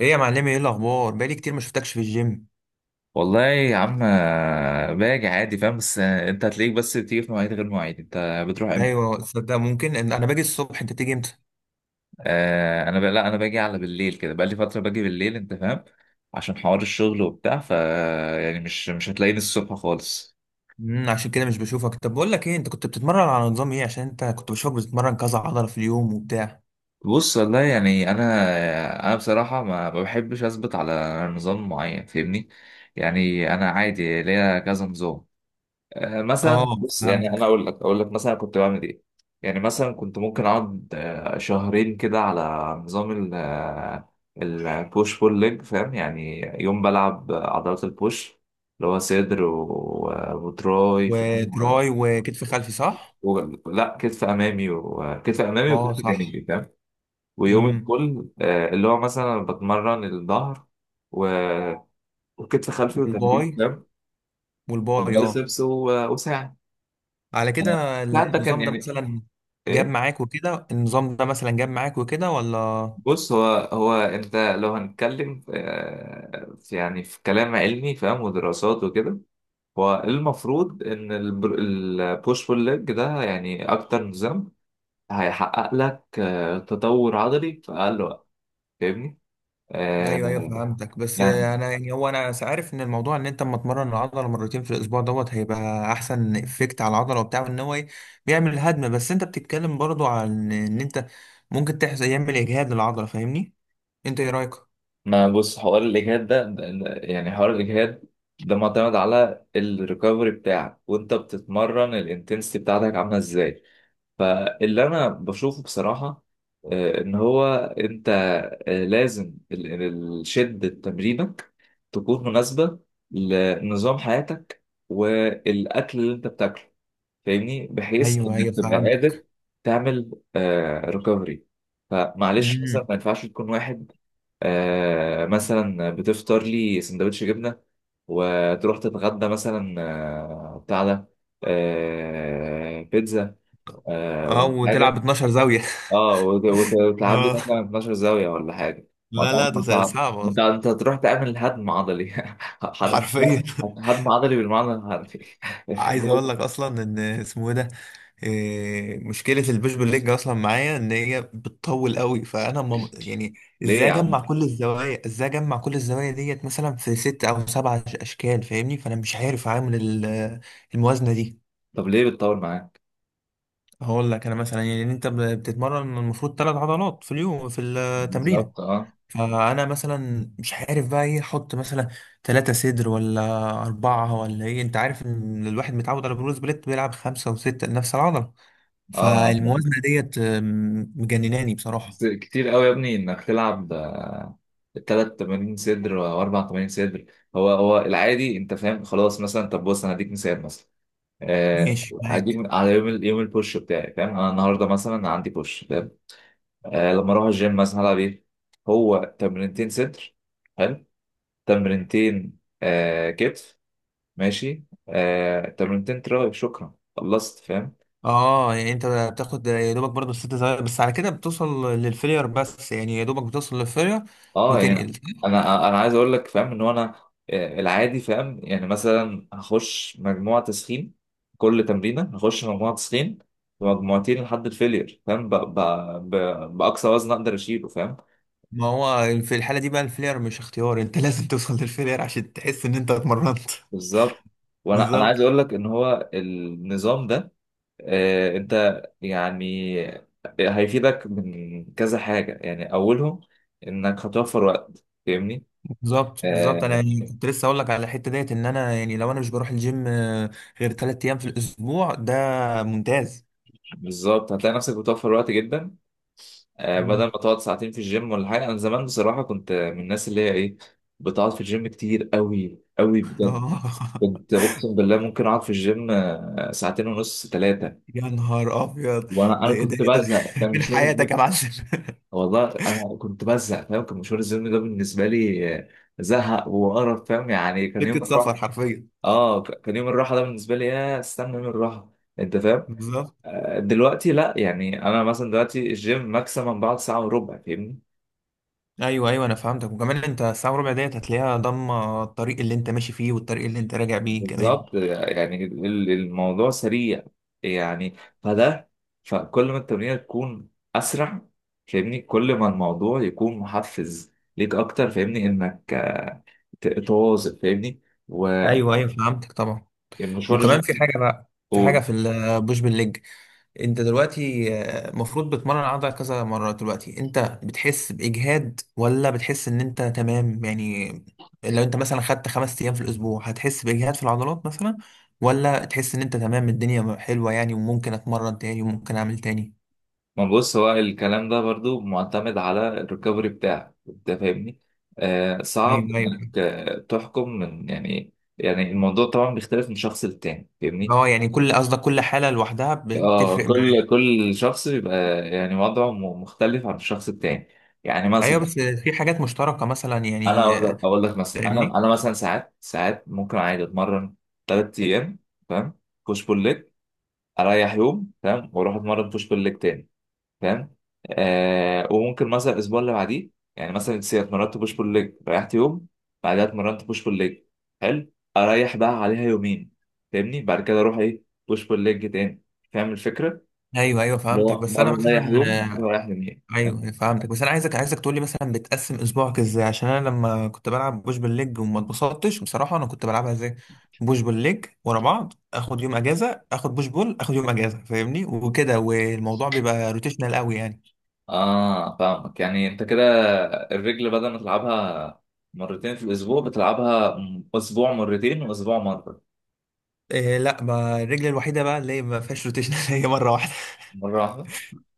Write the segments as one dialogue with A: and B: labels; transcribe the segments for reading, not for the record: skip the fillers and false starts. A: ايه يا معلمي، ايه الاخبار؟ بقالي كتير ما شفتكش في الجيم.
B: والله يا عم، باجي عادي فاهم، بس انت هتلاقيك بس بتيجي في مواعيد غير مواعيد. انت بتروح امتى؟
A: ايوه، تصدق ممكن إن انا باجي الصبح انت تيجي امتى؟
B: آه انا ب... لا انا باجي على بالليل كده، بقالي فتره باجي بالليل انت فاهم، عشان حوار الشغل وبتاع. يعني مش هتلاقيني الصبح خالص.
A: عشان كده مش بشوفك. طب بقول لك ايه، انت كنت بتتمرن على نظام ايه؟ عشان انت كنت بشوفك بتتمرن كذا عضله في اليوم وبتاع.
B: بص والله، يعني انا بصراحه ما بحبش اثبت على نظام معين فاهمني. يعني انا عادي ليا كذا نظام. مثلا
A: اه
B: بص، يعني انا
A: فهمتك.
B: اقول لك مثلا كنت بعمل ايه. يعني مثلا كنت ممكن اقعد شهرين كده على نظام البوش بول ليج فاهم. يعني يوم بلعب عضلات البوش، اللي هو صدر وتراي فاهم؟
A: وتراي وكتف خلفي، صح؟
B: و... و... لا كتف امامي
A: اه
B: وكتف
A: صح.
B: جانبي فاهم. ويوم
A: امم.
B: الكل اللي هو مثلا بتمرن الظهر و... وكتف خلفي وترابيز
A: والباي
B: فاهم،
A: والباي اه.
B: وبايسبس وساعد.
A: على كده
B: الساعد ده كان
A: النظام ده
B: يعني
A: مثلا جاب
B: ايه.
A: معاك وكده، النظام ده مثلا جاب معاك وكده ولا؟
B: بص، هو انت لو هنتكلم في يعني في كلام علمي فاهم، ودراسات وكده. هو المفروض ان البوش بول ليج ده يعني اكتر نظام هيحقق لك تطور عضلي في اقل وقت فاهمني.
A: ايوه ايوه
B: آه،
A: فهمتك، بس
B: يعني
A: انا يعني هو انا عارف ان الموضوع ان انت اما تمرن العضله مرتين في الاسبوع دوت هيبقى احسن افكت على العضله وبتاع، وان هو بيعمل هدم. بس انت بتتكلم برضو عن ان انت ممكن تحصل يعمل اجهاد للعضله فاهمني. انت ايه رايك؟
B: ما بص، حوار الاجهاد ده يعني حوار الاجهاد ده معتمد على الريكفري بتاعك، وانت بتتمرن الانتنسيتي بتاعتك عامله ازاي. فاللي انا بشوفه بصراحه ان هو انت لازم شده تمرينك تكون مناسبه لنظام حياتك والاكل اللي انت بتاكله فاهمني، بحيث
A: ايوه ايوه
B: انك تبقى قادر
A: فهمتك.
B: تعمل ريكفري. فمعلش مثلا
A: امم.
B: ما ينفعش تكون واحد مثلا بتفطر لي سندوتش جبنه، وتروح تتغدى مثلا بتاع ده، بيتزا
A: اه
B: ولا
A: وتلعب
B: حاجه.
A: 12 زاويه
B: اه، وتلعب لي
A: اه.
B: مثلا 12 زاويه ولا حاجه. ما
A: لا لا، ده
B: طبعا
A: صعب
B: انت انت
A: أصلاً.
B: انت هتروح تعمل هدم عضلي. هد-
A: حرفيا.
B: هدم عضلي بالمعنى الحرفي.
A: عايز اقول لك اصلا ان اسمه إيه ده. إيه، مشكله البوش بول ليج اصلا معايا ان هي بتطول قوي، فانا يعني
B: ليه
A: ازاي
B: يا
A: اجمع
B: عم؟
A: كل الزوايا؟ ديت مثلا في ست او سبع اشكال فاهمني. فانا مش عارف اعمل الموازنه دي.
B: طب ليه بتطول معاه؟
A: هقول لك انا مثلا، يعني انت بتتمرن المفروض 3 عضلات في اليوم في التمرين.
B: بالظبط، اه
A: فانا مثلا مش عارف بقى ايه احط، مثلا ثلاثة صدر ولا أربعة ولا ايه؟ انت عارف ان الواحد متعود على بروز بليت بيلعب خمسة وستة لنفس العضلة.
B: اه.
A: فالموازنة ديت مجنناني بصراحة.
B: بس كتير قوي يا ابني انك تلعب ثلاث تمارين صدر واربع تمارين صدر. هو العادي انت فاهم خلاص. مثلا طب بص، انا هديك مثال. مثلا آه
A: ماشي
B: هديك
A: معاك.
B: على يوم يوم البوش بتاعي فاهم. انا النهارده مثلا عندي بوش، لما اروح الجيم مثلا هلعب ايه. هو تمرينتين صدر، حلو، تمرينتين كتف، ماشي، آه تمرينتين تراي، شكرا خلصت فاهم.
A: اه يعني انت بتاخد يا دوبك برضه الستة زي، بس على كده بتوصل للفيلير. بس يعني يا دوبك بتوصل للفيلير
B: اه يعني انا
A: وتنقل.
B: انا أنا عايز اقول لك فاهم ان هو انا العادي فاهم. يعني مثلا هخش مجموعه تسخين كل تمرينه، هخش مجموعه تسخين ومجموعتين لحد الفيلير فاهم، ب... باقصى وزن اقدر اشيله فاهم.
A: ما هو في الحالة دي بقى الفيلير مش اختيار، انت لازم توصل للفيلير عشان تحس ان انت اتمرنت
B: بالظبط. وانا
A: بالظبط.
B: عايز اقول لك ان هو النظام ده انت يعني هيفيدك من كذا حاجة. يعني اولهم انك هتوفر وقت فاهمني.
A: بالظبط بالظبط، انا
B: آه
A: يعني كنت لسه اقول لك على الحته ديت، ان انا يعني لو انا مش بروح الجيم غير 3 ايام في الاسبوع ده ممتاز.
B: بالظبط، هتلاقي نفسك بتوفر وقت جدا. بدل ما
A: مم.
B: تقعد ساعتين في الجيم ولا حاجة. انا زمان بصراحة كنت من الناس اللي هي ايه، بتقعد في الجيم كتير قوي قوي بجد.
A: آه
B: كنت اقسم بالله ممكن اقعد في الجيم ساعتين ونص ثلاثة.
A: يا نهار ابيض.
B: وانا
A: ده ايه ده؟
B: كنت
A: ايه ده؟
B: بزهق كان
A: فين
B: مش واخد.
A: حياتك يا معلم؟
B: والله انا كنت بزهق فاهم، كان مشوار الزلم ده بالنسبه لي زهق وقرف فاهم، يعني كان يوم
A: سكه سفر
B: الراحه.
A: حرفيا.
B: اه كان يوم الراحه ده بالنسبه لي يا استنى يوم الراحه انت فاهم.
A: بالظبط.
B: دلوقتي لا، يعني انا مثلا دلوقتي الجيم ماكسيمم بعد ساعه وربع فاهمني.
A: ايوه ايوه انا فهمتك، وكمان انت الساعه وربع ديت هتلاقيها ضامه الطريق اللي انت ماشي فيه والطريق اللي انت راجع بيه كمان.
B: بالظبط. يعني الموضوع سريع يعني، فده، فكل ما التمرين تكون اسرع فاهمني، كل ما الموضوع يكون محفز ليك اكتر فاهمني، انك تواظب فاهمني و-
A: ايوه ايوه فهمتك طبعا.
B: المشوار
A: وكمان في
B: الجيم.
A: حاجه بقى، في حاجه
B: قول.
A: في البوش بالليج. انت دلوقتي المفروض بتمرن العضله كذا مره، دلوقتي انت بتحس باجهاد ولا بتحس ان انت تمام يعني؟ لو انت مثلا خدت 5 ايام في الاسبوع هتحس باجهاد في العضلات مثلا؟ ولا تحس ان انت تمام، الدنيا حلوه يعني، وممكن اتمرن تاني وممكن اعمل تاني؟
B: ما بص، هو الكلام ده برضو معتمد على الريكفري بتاعك انت فاهمني. صعب
A: ايوه ايوه.
B: انك تحكم من يعني، الموضوع طبعا بيختلف من شخص للتاني فاهمني.
A: اه يعني كل قصدك كل حاله لوحدها
B: اه،
A: بتفرق
B: كل
A: معاك.
B: كل شخص بيبقى يعني وضعه مختلف عن الشخص التاني يعني.
A: ايوه
B: مثلا
A: بس في حاجات مشتركه مثلا
B: انا
A: يعني.
B: اقول لك مثلا، انا
A: فاهمني.
B: انا مثلا ساعات ساعات ممكن عادي اتمرن ثلاث ايام فاهم، بوش بول ليج، اريح يوم فاهم، واروح اتمرن بوش بول ليج تاني فاهم. وممكن مثلا الاسبوع اللي بعديه، يعني مثلا انت اتمرنت بوش بول ليج، ريحت يوم، بعدها اتمرنت بوش بول ليج، حلو، اريح بقى عليها يومين فاهمني. بعد كده اروح ايه؟ بوش بول ليج تاني فاهم الفكره،
A: ايوه ايوه
B: اللي
A: فهمتك،
B: هو
A: بس انا
B: مره رايح يوم مره
A: مثلا،
B: رايح يومين فاهم.
A: ايوه فهمتك بس انا عايزك عايزك تقول لي مثلا بتقسم اسبوعك ازاي؟ عشان انا لما كنت بلعب بوش بالليج وما اتبسطتش بصراحه، انا كنت بلعبها ازاي؟ بوش بالليج ورا بعض، اخد يوم اجازه، اخد بوش بول، اخد يوم اجازه فاهمني، وكده، والموضوع بيبقى روتيشنال قوي يعني.
B: اه فاهمك، يعني انت كده الرجل بدل ما تلعبها مرتين في الاسبوع بتلعبها اسبوع مرتين واسبوع مره.
A: إيه لا، ما الرجل الوحيده بقى اللي هي ما فيهاش روتيشنال هي مره واحده.
B: مره واحده.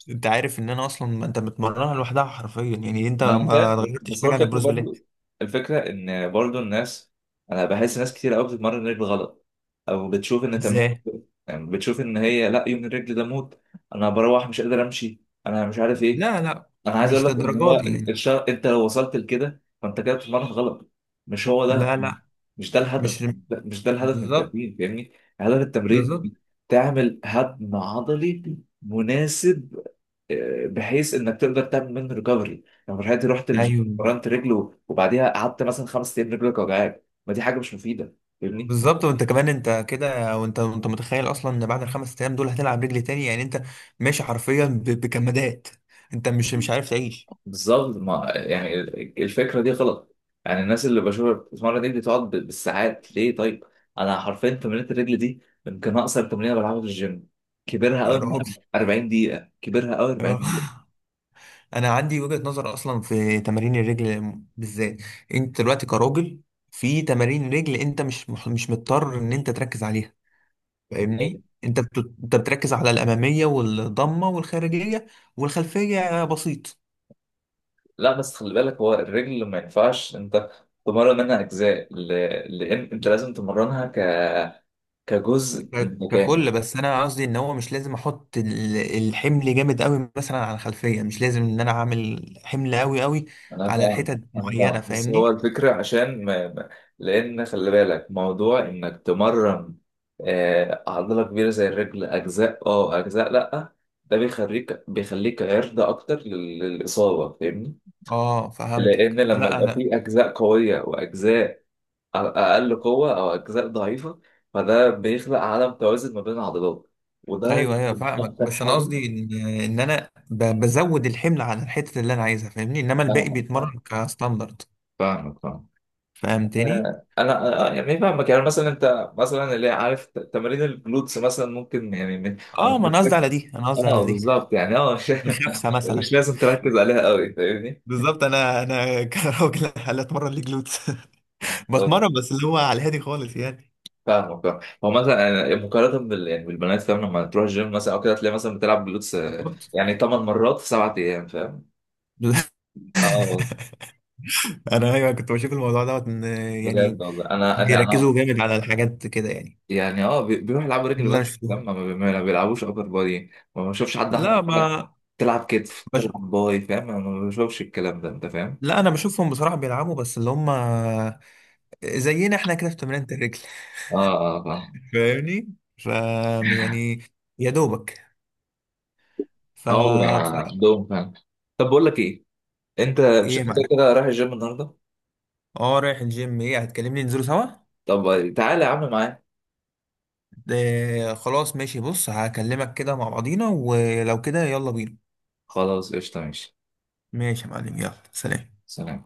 A: انت عارف ان انا اصلا، ما انت بتمرنها لوحدها حرفيا، يعني انت
B: ما انا
A: ما
B: فاهم،
A: غيرتش
B: بس هو
A: حاجه عن
B: الفكره
A: البروس بالليج.
B: برضو، الفكره ان برضو الناس، انا بحس ناس كتير قوي بتتمرن رجل غلط، او بتشوف ان تمرين
A: ازاي؟
B: يعني، بتشوف ان هي لا، يوم الرجل ده موت، انا بروح مش قادر امشي، انا مش عارف ايه.
A: لا لا،
B: انا عايز اقول
A: مش
B: لك ان هو
A: للدرجات دي
B: إن
A: يعني.
B: انت لو وصلت لكده فانت كده بتتمرن غلط. مش هو ده،
A: لا لا.
B: مش ده الهدف،
A: مش
B: مش ده الهدف من
A: بالظبط.
B: التمرين فاهمني. هدف
A: بالظبط.
B: التمرين تعمل هدم عضلي مناسب بحيث انك تقدر تعمل منه ريكفري. لو رحت الجيم
A: ايوه
B: ورمت رجله وبعديها قعدت مثلا خمس ايام رجلك وجعاك، ما دي حاجه مش مفيده فاهمني.
A: بالظبط. وانت كمان انت كده، وانت متخيل اصلا ان بعد ال5 ايام دول هتلعب رجل تاني يعني؟ انت ماشي حرفيا بكمادات. انت مش عارف تعيش.
B: بالظبط. ما يعني الفكره دي غلط. يعني الناس اللي بشوفها بتتمرن رجلي تقعد بالساعات، ليه طيب. انا حرفيا تمرينة الرجل دي يمكن اقصر تمرينه بلعبها في الجيم، كبرها
A: يا
B: قوي
A: راجل.
B: 40 دقيقه، كبرها قوي 40 دقيقه.
A: اه. انا عندي وجهة نظر اصلا في تمارين الرجل بالذات. انت دلوقتي كراجل، في تمارين رجل انت مش مضطر ان انت تركز عليها فاهمني. انت بتركز على الاماميه والضمه والخارجيه، والخلفيه بسيط.
B: لا بس خلي بالك، هو الرجل ما ينفعش انت تمرن منها اجزاء، لان انت لازم تمرنها كجزء متجانس.
A: ككل، بس انا قصدي ان هو مش لازم احط الحمل جامد قوي مثلا على الخلفيه. مش لازم ان انا اعمل حمل قوي قوي
B: انا
A: على
B: فاهم
A: الحتت
B: انا
A: معينه
B: فاهم، بس هو
A: فاهمني.
B: الفكره عشان لان خلي بالك موضوع انك تمرن عضله كبيره زي الرجل اجزاء. اه اجزاء، لا، ده بيخليك عرضه اكتر للاصابه فاهمني.
A: اه
B: لان
A: فهمتك.
B: لما
A: لا
B: يبقى
A: انا،
B: في اجزاء قويه واجزاء اقل قوه او اجزاء ضعيفه، فده بيخلق عدم توازن ما بين العضلات، وده
A: ايوه ايوه
B: يمكن
A: فاهمك.
B: اكتر
A: بس انا
B: حاجه.
A: قصدي ان، ان انا بزود الحمل على الحتت اللي انا عايزها فاهمني، انما الباقي
B: فاهمك فاهمك
A: بيتمرن كستاندرد.
B: فاهمك فاهمك.
A: فهمتني؟
B: انا يعني فاهمك. يعني مثلا انت مثلا اللي عارف تمارين الجلوتس مثلا ممكن يعني
A: اه ما انا قصدي على دي، انا قصدي على
B: اه
A: دي.
B: بالظبط، يعني مش
A: الخفسه مثلا.
B: مش لازم تركز عليها قوي فاهمني.
A: بالظبط. انا كراجل هل اتمرن ليه جلوتس؟ بتمرن
B: آه،
A: بس اللي هو على الهادي خالص يعني.
B: فاهمك فاهم. هو مثلا أنا مقارنه يعني بالبنات فاهم، لما تروح الجيم مثلا او كده تلاقي مثلا بتلعب جلوتس يعني 8 مرات في 7 ايام فاهم. اه
A: انا ايوه كنت بشوف الموضوع دوت ان
B: بجد
A: يعني
B: والله انا
A: بيركزوا جامد على الحاجات كده يعني.
B: يعني، اه بيروح يلعبوا رجل
A: اللي
B: بس،
A: انا شفتهم.
B: لما ما بيلعبوش ابر بادي، ما بشوفش حد
A: لا
B: احمر لا،
A: ما
B: تلعب كتف
A: بش...
B: تلعب باي فاهم. انا ما بشوفش الكلام ده انت فاهم.
A: لا انا بشوفهم بصراحه بيلعبوا بس اللي هم زينا احنا كده في تمرينة الرجل
B: اه اه فاهم.
A: فاهمني. ف، يعني يا دوبك،
B: اه
A: فبصراحه.
B: بيبقى عندهم فاهم. طب بقول لك ايه، انت
A: ايه
B: مش
A: يا
B: انت كده
A: معلم؟
B: كده رايح الجيم النهارده؟
A: اه رايح الجيم. ايه هتكلمني ننزلوا سوا؟
B: طب تعالى يا عم معايا.
A: ده خلاص، ماشي، بص هكلمك كده مع بعضينا، ولو كده يلا بينا.
B: خلاص قشطه ماشي.
A: ماشي يا معلم، يلا، سلام.
B: سلام.